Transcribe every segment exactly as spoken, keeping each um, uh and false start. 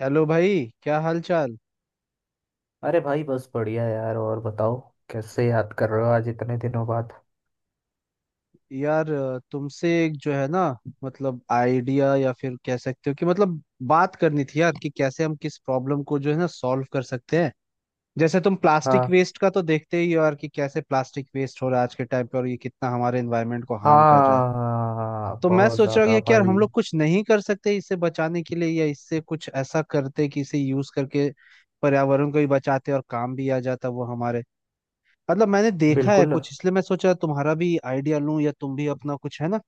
Hello भाई। क्या हाल चाल। अरे भाई, बस बढ़िया यार। और बताओ, कैसे याद कर रहे हो आज इतने दिनों बाद। यार अ, तुमसे एक जो है ना, मतलब आइडिया या फिर कह सकते हो कि मतलब बात करनी थी यार, कि कैसे हम किस प्रॉब्लम को जो है ना सॉल्व कर सकते हैं। जैसे तुम प्लास्टिक हाँ। वेस्ट का तो देखते ही हो यार कि कैसे प्लास्टिक वेस्ट हो रहा है आज के टाइम पे, और ये कितना हमारे एनवायरनमेंट को हार्म कर रहा है। हाँ, तो मैं बहुत सोच रहा ज़्यादा हूँ कि यार भाई। हम लोग कुछ नहीं कर सकते इससे बचाने के लिए, या इससे कुछ ऐसा करते कि इसे यूज करके पर्यावरण को भी बचाते और काम भी आ जाता वो हमारे। मतलब मैंने देखा है बिल्कुल। कुछ, इसलिए मैं सोचा तुम्हारा भी आइडिया लूं, या तुम भी अपना कुछ है ना,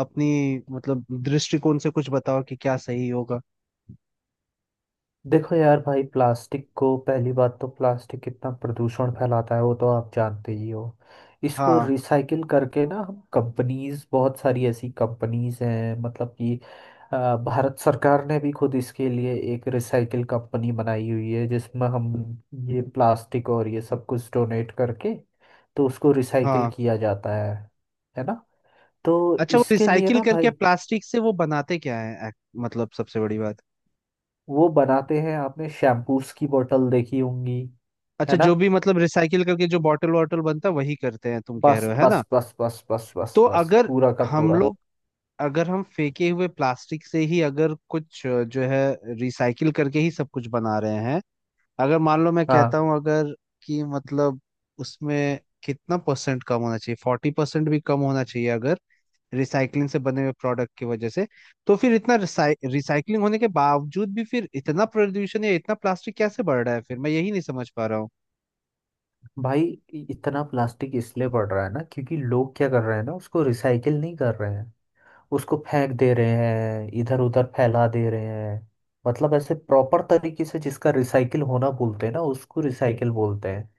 अपनी मतलब दृष्टिकोण से कुछ बताओ कि क्या सही होगा। देखो यार भाई, प्लास्टिक को पहली बात तो, प्लास्टिक कितना प्रदूषण फैलाता है वो तो आप जानते ही हो। इसको हाँ, रिसाइकिल करके ना, हम कंपनीज, बहुत सारी ऐसी कंपनीज हैं मतलब कि अ, भारत सरकार ने भी खुद इसके लिए एक रिसाइकिल कंपनी बनाई हुई है, जिसमें हम ये प्लास्टिक और ये सब कुछ डोनेट करके तो उसको रिसाइकिल हाँ। किया जाता है है ना। तो अच्छा वो इसके लिए रिसाइकिल ना करके भाई, प्लास्टिक से वो बनाते क्या है एक- मतलब सबसे बड़ी बात। वो बनाते हैं, आपने शैम्पूस की बोतल देखी होंगी, है अच्छा ना। जो भी मतलब रिसाइकिल करके जो बॉटल वॉटल बनता है वही करते हैं तुम कह रहे बस, हो है ना। बस, बस, बस, बस, बस, तो बस, अगर पूरा का हम पूरा। लोग, अगर हम फेंके हुए प्लास्टिक से ही अगर कुछ अ, जो है रिसाइकिल करके ही सब कुछ बना रहे हैं, अगर मान लो मैं हाँ कहता हूँ अगर कि मतलब उसमें कितना परसेंट कम होना चाहिए, फोर्टी परसेंट भी कम होना चाहिए अगर रिसाइकलिंग से बने हुए प्रोडक्ट की वजह से, तो फिर इतना रिसाइकलिंग होने के बावजूद भी फिर इतना प्रदूषण या इतना प्लास्टिक कैसे बढ़ रहा है, फिर मैं यही नहीं समझ पा रहा हूँ। भाई। इ- इतना प्लास्टिक इसलिए बढ़ रहा है ना, क्योंकि लोग क्या कर रहे हैं ना, उसको रिसाइकिल नहीं कर रहे हैं। उसको फेंक दे रहे हैं, इधर उधर फैला दे रहे हैं। मतलब ऐसे प्रॉपर तरीके से जिसका रिसाइकिल होना बोलते हैं ना, उसको रिसाइकिल बोलते हैं।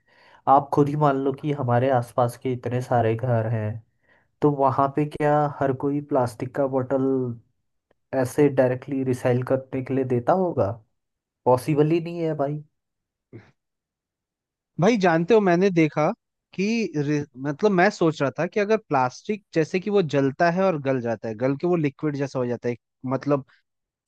आप खुद ही मान लो कि हमारे आसपास के इतने सारे घर हैं, तो वहाँ पे क्या हर कोई प्लास्टिक का बोतल ऐसे डायरेक्टली रिसाइकिल करने के लिए देता होगा? पॉसिबल ही नहीं है भाई। भाई जानते हो मैंने देखा कि रि- मतलब मैं सोच रहा था कि अगर प्लास्टिक जैसे कि वो जलता है और गल जाता है, गल के वो लिक्विड जैसा हो जाता है, मतलब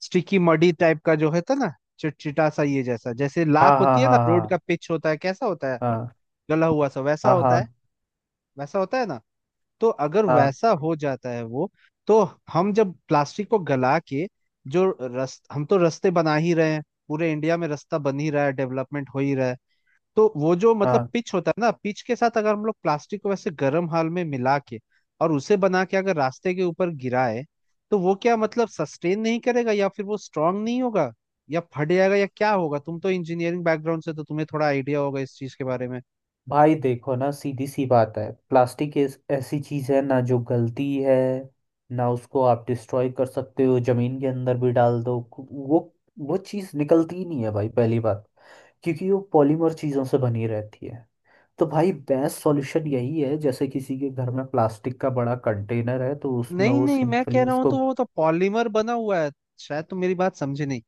स्टिकी मडी टाइप का जो होता है ना, चिटचिटा सा, ये जैसा जैसे हाँ, लाख हाँ, होती है ना, रोड हाँ, का पिच होता है कैसा होता है, हाँ, गला हुआ सा वैसा हाँ, हाँ, होता है, हाँ, वैसा होता है ना। तो अगर हाँ। वैसा हो जाता है वो, तो हम जब प्लास्टिक को गला के जो रस, हम तो रास्ते बना ही रहे हैं, पूरे इंडिया में रास्ता बन ही रहा है, डेवलपमेंट हो ही रहा है। तो वो जो मतलब हाँ पिच होता है ना, पिच के साथ अगर हम लोग प्लास्टिक को वैसे गर्म हाल में मिला के और उसे बना के अगर रास्ते के ऊपर गिराए, तो वो क्या मतलब सस्टेन नहीं करेगा या फिर वो स्ट्रांग नहीं होगा, या फट जाएगा या क्या होगा। तुम तो इंजीनियरिंग बैकग्राउंड से तो तुम्हें थोड़ा आइडिया होगा इस चीज के बारे में। भाई, देखो ना, सीधी सी बात है, प्लास्टिक इस ऐसी चीज़ है ना जो गलती है ना। उसको आप डिस्ट्रॉय कर सकते हो, जमीन के अंदर भी डाल दो, वो वो चीज़ निकलती ही नहीं है भाई, पहली बात। क्योंकि वो पॉलीमर चीज़ों से बनी रहती है। तो भाई, बेस्ट सॉल्यूशन यही है, जैसे किसी के घर में प्लास्टिक का बड़ा कंटेनर है तो उसमें नहीं वो नहीं, मैं सिंपली कह रहा हूँ उसको। तो वो तो पॉलीमर बना हुआ है, शायद तुम मेरी बात समझे नहीं।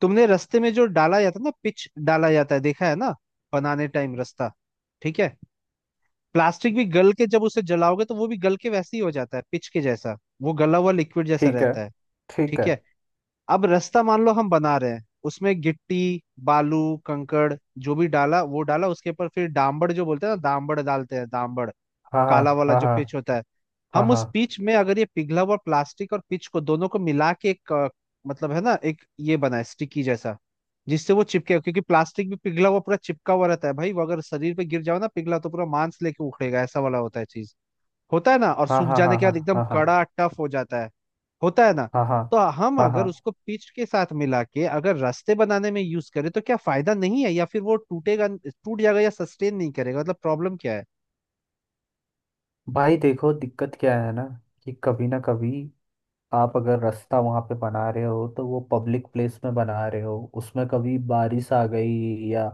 तुमने रास्ते में जो डाला जाता है ना पिच, डाला जाता है देखा है ना, बनाने टाइम रास्ता, ठीक है। प्लास्टिक भी गल के जब उसे जलाओगे तो वो भी गल के वैसे ही हो जाता है पिच के जैसा, वो गला हुआ लिक्विड जैसा ठीक है। रहता है। ठीक ठीक है। है, अब रास्ता मान लो हम बना रहे हैं, उसमें गिट्टी, बालू, कंकड़ जो भी डाला वो डाला, उसके ऊपर फिर डांबड़ जो बोलते हैं ना, डांबड़ डालते हैं डांबड़, हाँ, काला हाँ, वाला जो हाँ, पिच होता है। हाँ, हम उस हाँ, पिच में अगर ये पिघला हुआ प्लास्टिक और पिच को दोनों को मिला के एक अ, मतलब है ना एक, ये बनाए स्टिकी जैसा, जिससे वो चिपके, क्योंकि प्लास्टिक भी पिघला हुआ पूरा चिपका हुआ रहता है भाई। वो अगर शरीर पे गिर जाओ ना पिघला, तो पूरा मांस लेके उखड़ेगा, ऐसा वाला होता है चीज, होता है ना, और हाँ, सूख हाँ, जाने हाँ, हाँ, के हाँ, बाद एकदम हाँ, हाँ, हाँ, कड़ा टफ हो जाता है, होता है ना। हाँ, हाँ, तो हम हाँ, हाँ। अगर उसको पिच के साथ मिला के अगर रास्ते बनाने में यूज करें, तो क्या फायदा नहीं है या फिर वो टूटेगा, टूट जाएगा, या सस्टेन नहीं करेगा, मतलब प्रॉब्लम क्या है। भाई देखो, दिक्कत क्या है ना, कि कभी ना कभी आप अगर रास्ता वहाँ पे बना रहे हो, तो वो पब्लिक प्लेस में बना रहे हो, उसमें कभी बारिश आ गई या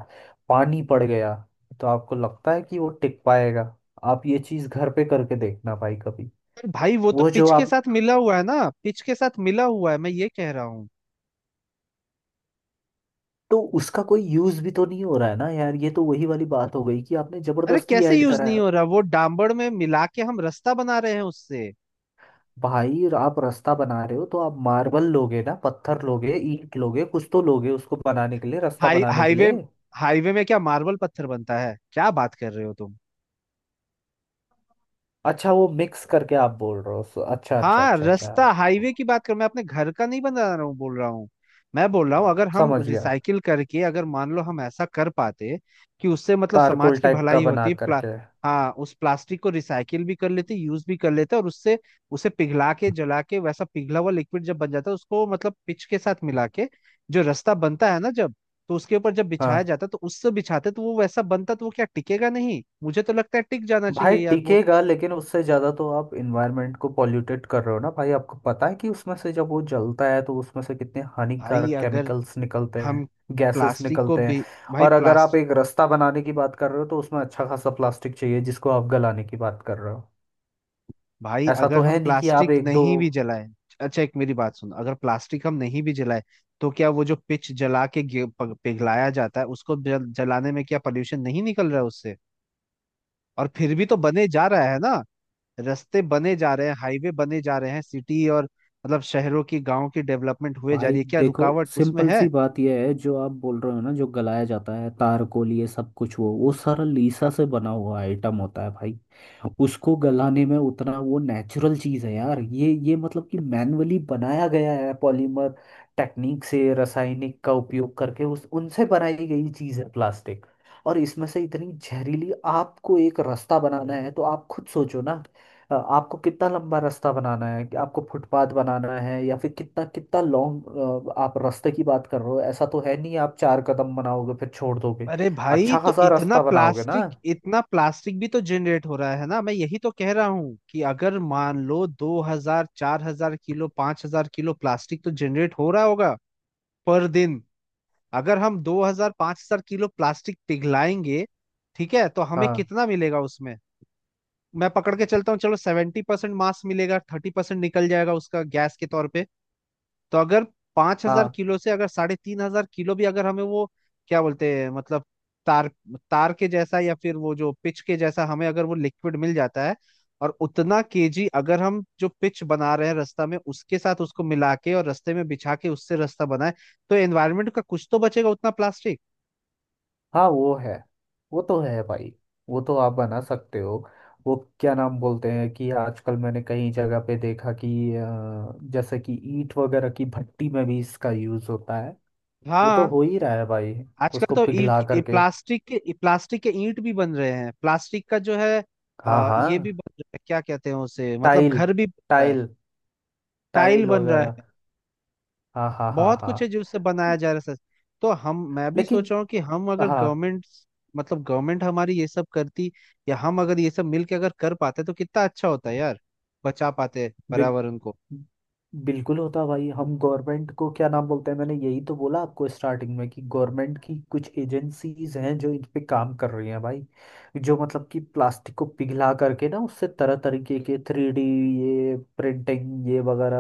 पानी पड़ गया, तो आपको लगता है कि वो टिक पाएगा? आप ये चीज़ घर पे करके देखना भाई कभी। अरे भाई वो तो वो जो पिच के आप, साथ मिला हुआ है ना, पिच के साथ मिला हुआ है मैं ये कह रहा हूँ। तो उसका कोई यूज़ भी तो नहीं हो रहा है ना यार। ये तो वही वाली बात हो गई कि आपने अरे जबरदस्ती कैसे ऐड यूज करा नहीं है। हो रहा, वो डामबड़ में मिला के हम रास्ता बना रहे हैं उससे। भाई आप रास्ता बना रहे हो तो आप मार्बल लोगे ना, पत्थर लोगे, ईंट लोगे, कुछ तो लोगे उसको बनाने के लिए, रास्ता हाई बनाने के हाईवे, लिए। हाईवे में क्या मार्बल पत्थर बनता है, क्या बात कर रहे हो तुम। अच्छा, वो मिक्स करके आप बोल रहे हो, सो- अच्छा, अच्छा, हाँ, अच्छा, अच्छा। रास्ता हाईवे की बात कर, मैं अपने घर का नहीं बना रहा हूँ बोल रहा हूँ। मैं बोल रहा हूँ अगर हम समझ गया। रिसाइकिल करके अगर मान लो हम ऐसा कर पाते कि उससे मतलब तारकोल समाज की टाइप का भलाई बना होती प्ला, करके। हाँ उस प्लास्टिक को रिसाइकिल भी कर लेते, यूज भी कर लेते, और उससे उसे पिघला के जला के वैसा पिघला हुआ लिक्विड जब बन जाता है उसको मतलब पिच के साथ मिला के जो रास्ता बनता है ना जब, तो उसके ऊपर जब बिछाया हाँ जाता, तो उससे बिछाते तो वो वैसा बनता, तो वो क्या टिकेगा नहीं, मुझे तो लगता है टिक जाना भाई, चाहिए यार वो। टिकेगा, लेकिन उससे ज़्यादा तो आप इन्वायरमेंट को पॉल्यूटेड कर रहे हो ना भाई। आपको पता है कि उसमें से जब वो जलता है तो उसमें से कितने भाई हानिकारक अगर केमिकल्स निकलते हैं, हम गैसेस प्लास्टिक को निकलते हैं। भी भाई और अगर आप प्लास्ट एक रास्ता बनाने की बात कर रहे हो तो उसमें अच्छा खासा प्लास्टिक चाहिए जिसको आप गलाने की बात कर रहे हो। भाई ऐसा तो अगर हम है नहीं कि आप प्लास्टिक एक दो। नहीं भी जलाए, अच्छा एक मेरी बात सुनो, अगर प्लास्टिक हम नहीं भी जलाए, तो क्या वो जो पिच जला के गे- प- पिघलाया जाता है उसको जल, जलाने में क्या पोल्यूशन नहीं निकल रहा है उससे, और फिर भी तो बने जा रहा है ना, रास्ते बने जा रहे हैं, हाईवे बने जा रहे हैं, सिटी और, मतलब शहरों की गांव की डेवलपमेंट हुए जा भाई रही है, क्या देखो, रुकावट उसमें सिंपल है। सी बात यह है, जो आप बोल रहे हो ना, जो गलाया जाता है तारकोल, ये सब कुछ, वो वो सारा लीसा से बना हुआ आइटम होता है भाई। उसको गलाने में उतना, वो नेचुरल चीज है यार। ये ये मतलब कि मैनुअली बनाया गया है पॉलीमर टेक्निक से, रासायनिक का उपयोग करके उस उनसे बनाई गई चीज है प्लास्टिक। और इसमें से इतनी जहरीली, आपको एक रास्ता बनाना है तो आप खुद सोचो ना। अ, आपको कितना लंबा रास्ता बनाना है, कि आपको फुटपाथ बनाना है, या फिर कितना कितना लॉन्ग आप रास्ते की बात कर रहे हो? ऐसा तो है नहीं आप चार कदम बनाओगे फिर छोड़ दोगे, अरे भाई अच्छा तो खासा इतना रास्ता बनाओगे ना। प्लास्टिक इतना प्लास्टिक भी तो जनरेट हो रहा है ना, मैं यही तो कह रहा हूँ कि अगर मान लो दो हजार चार हजार किलो पांच हजार किलो प्लास्टिक तो जनरेट हो रहा होगा पर दिन। अगर हम दो हजार पांच हजार किलो प्लास्टिक पिघलाएंगे, ठीक है, तो हमें हाँ, कितना मिलेगा उसमें, मैं पकड़ के चलता हूँ चलो, सेवेंटी परसेंट मास मिलेगा, थर्टी परसेंट निकल जाएगा उसका गैस के तौर पे। तो अगर पांच हजार हाँ, किलो से अगर साढ़े तीन हजार किलो भी अगर हमें वो क्या बोलते हैं मतलब तार, तार के जैसा या फिर वो जो पिच के जैसा हमें अगर वो लिक्विड मिल जाता है, और उतना केजी अगर हम जो पिच बना रहे हैं रास्ता में उसके साथ उसको मिला के और रास्ते में बिछा के उससे रास्ता बनाए, तो एनवायरनमेंट का कुछ तो बचेगा उतना प्लास्टिक। हाँ। वो है, वो तो है भाई, वो तो आप बना सकते हो। वो क्या नाम बोलते हैं, कि आजकल मैंने कई जगह पे देखा कि अ, जैसे कि ईंट वगैरह की भट्टी में भी इसका यूज होता है। वो तो हाँ, हो ही रहा है भाई। आजकल उसको तो ईंट पिघला ए, करके। प्लास्टिक के ए, प्लास्टिक के ईंट भी बन रहे हैं, प्लास्टिक का जो है हाँ, आ, ये भी हाँ। बन रहा है, क्या कहते हैं उसे, मतलब टाइल। घर भी बन रहा है, टाइल। टाइल टाइल बन रहा वगैरह। है। हाँ, हाँ, हाँ, बहुत हाँ। कुछ है जो उससे बनाया जा रहा है, सच। तो हम मैं भी लेकिन, सोच रहा हूँ कि हम अगर हाँ। गवर्नमेंट, मतलब गवर्नमेंट हमारी ये सब करती, या हम अगर ये सब मिलके अगर कर पाते तो कितना अच्छा होता है यार, बचा पाते बिल पर्यावरण को। बिल्कुल होता भाई। हम गवर्नमेंट को क्या नाम बोलते हैं, मैंने यही तो बोला आपको स्टार्टिंग में, कि गवर्नमेंट की कुछ एजेंसीज हैं जो इन पे काम कर रही हैं भाई। जो मतलब कि प्लास्टिक को पिघला करके ना उससे तरह तरीके के थ्री डी, ये प्रिंटिंग, ये वगैरह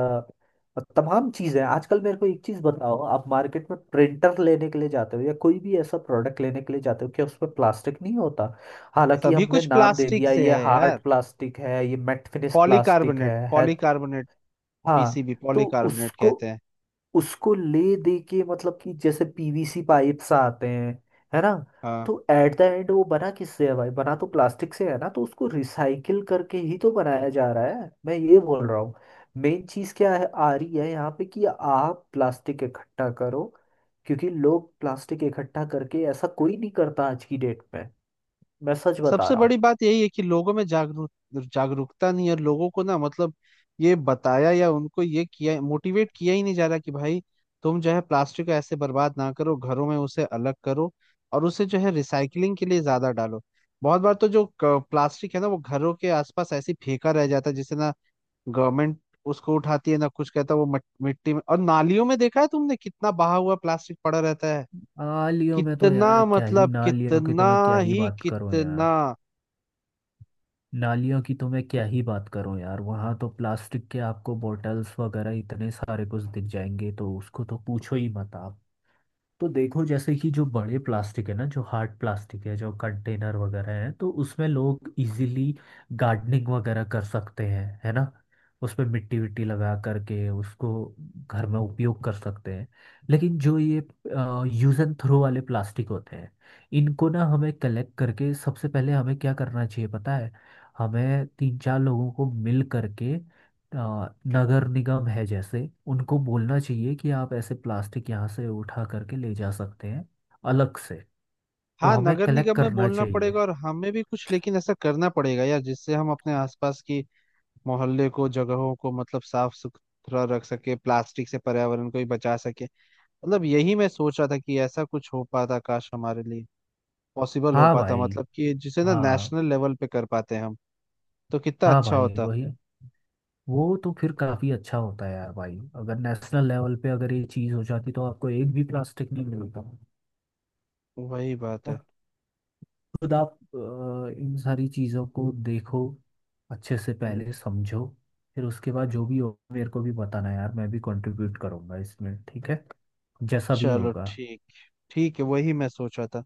और तमाम चीज़ें हैं। आजकल मेरे को एक चीज़ बताओ, आप मार्केट में प्रिंटर लेने के लिए जाते हो, या कोई भी ऐसा प्रोडक्ट लेने के लिए जाते हो, क्या उसमें प्लास्टिक नहीं होता? हालांकि सभी हमने कुछ नाम दे प्लास्टिक दिया, से ये है यार, हार्ड प्लास्टिक है, ये मेट फिनिश प्लास्टिक पॉलीकार्बोनेट है, है। पॉलीकार्बोनेट, हाँ। पीसीबी तो पॉलीकार्बोनेट उसको कहते हैं। उसको ले दे के, मतलब कि जैसे पीवीसी पाइप्स आते हैं, है ना। हाँ, तो एट द एंड वो बना किससे है भाई? बना तो प्लास्टिक से है ना। तो उसको रिसाइकिल करके ही तो बनाया जा रहा है, मैं ये बोल रहा हूँ। मेन चीज क्या है आ रही है यहाँ पे, कि आप प्लास्टिक इकट्ठा करो। क्योंकि लोग प्लास्टिक इकट्ठा करके, ऐसा कोई नहीं करता आज की डेट में, मैं सच बता सबसे रहा बड़ी हूँ। बात यही है कि लोगों में जागरूक, जागरूकता नहीं है लोगों को ना, मतलब ये बताया या उनको ये किया, मोटिवेट किया ही नहीं जा रहा कि भाई तुम जो है प्लास्टिक को ऐसे बर्बाद ना करो, घरों में उसे अलग करो और उसे जो है रिसाइकलिंग के लिए ज्यादा डालो। बहुत बार तो जो क- प्लास्टिक है ना वो घरों के आसपास ऐसे ही फेंका रह जाता है, जिसे ना गवर्नमेंट उसको उठाती है ना कुछ कहता है, वो मट- मिट्टी में और नालियों में देखा है तुमने कितना बहा हुआ प्लास्टिक पड़ा रहता है। आ लियो में तो कितना यार क्या ही, मतलब ना लियो की तो कितना मैं क्या ही ही बात करूं कितना। यार। नालियों की तो मैं क्या ही बात करूं यार, वहां तो प्लास्टिक के आपको बॉटल्स वगैरह इतने सारे कुछ दिख जाएंगे, तो उसको तो पूछो ही मत आप। तो देखो, जैसे कि जो बड़े प्लास्टिक है ना, जो हार्ड प्लास्टिक है, जो कंटेनर वगैरह है, तो उसमें लोग इजीली गार्डनिंग वगैरह कर सकते हैं, है ना। उसमें मिट्टी विट्टी लगा करके उसको घर में उपयोग कर सकते हैं। लेकिन जो ये यूज एंड थ्रो वाले प्लास्टिक होते हैं, इनको ना हमें कलेक्ट करके, सबसे पहले हमें क्या करना चाहिए पता है, हमें तीन चार लोगों को मिल करके आ, नगर निगम है जैसे, उनको बोलना चाहिए कि आप ऐसे प्लास्टिक यहाँ से उठा करके ले जा सकते हैं, अलग से। तो हाँ, हमें नगर कलेक्ट निगम में करना बोलना चाहिए। पड़ेगा, और हमें भी कुछ लेकिन ऐसा करना पड़ेगा यार, जिससे हम अपने आसपास की मोहल्ले को, जगहों को मतलब साफ सुथरा रख सके, प्लास्टिक से पर्यावरण को भी बचा सके। मतलब यही मैं सोच रहा था कि ऐसा कुछ हो पाता, काश हमारे लिए पॉसिबल हो हाँ पाता, भाई। मतलब कि जिसे ना हाँ। नेशनल लेवल पे कर पाते हम, तो कितना हाँ अच्छा भाई, होता। वही। वो तो फिर काफ़ी अच्छा होता है यार भाई, अगर नेशनल लेवल पे अगर ये चीज़ हो जाती तो आपको एक भी प्लास्टिक नहीं मिलता। वही बात है। खुद आप अ, इन सारी चीज़ों को देखो, अच्छे से पहले समझो, फिर उसके बाद जो भी हो मेरे को भी बताना यार, मैं भी कंट्रीब्यूट करूँगा इसमें, ठीक है। जैसा भी चलो होगा। ठीक, ठीक है, वही मैं सोच रहा था।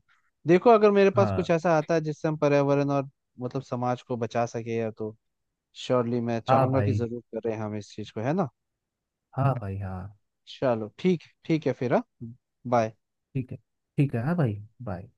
देखो अगर मेरे पास कुछ हाँ। ऐसा आता है जिससे हम पर्यावरण और मतलब समाज को बचा सके या तो, श्योरली मैं हाँ चाहूंगा कि भाई। जरूर करें हम इस चीज को, है ना। हाँ भाई, हाँ। चलो ठीक, ठीक है फिर, हाँ, बाय। ठीक है। ठीक है हाँ भाई। बाय।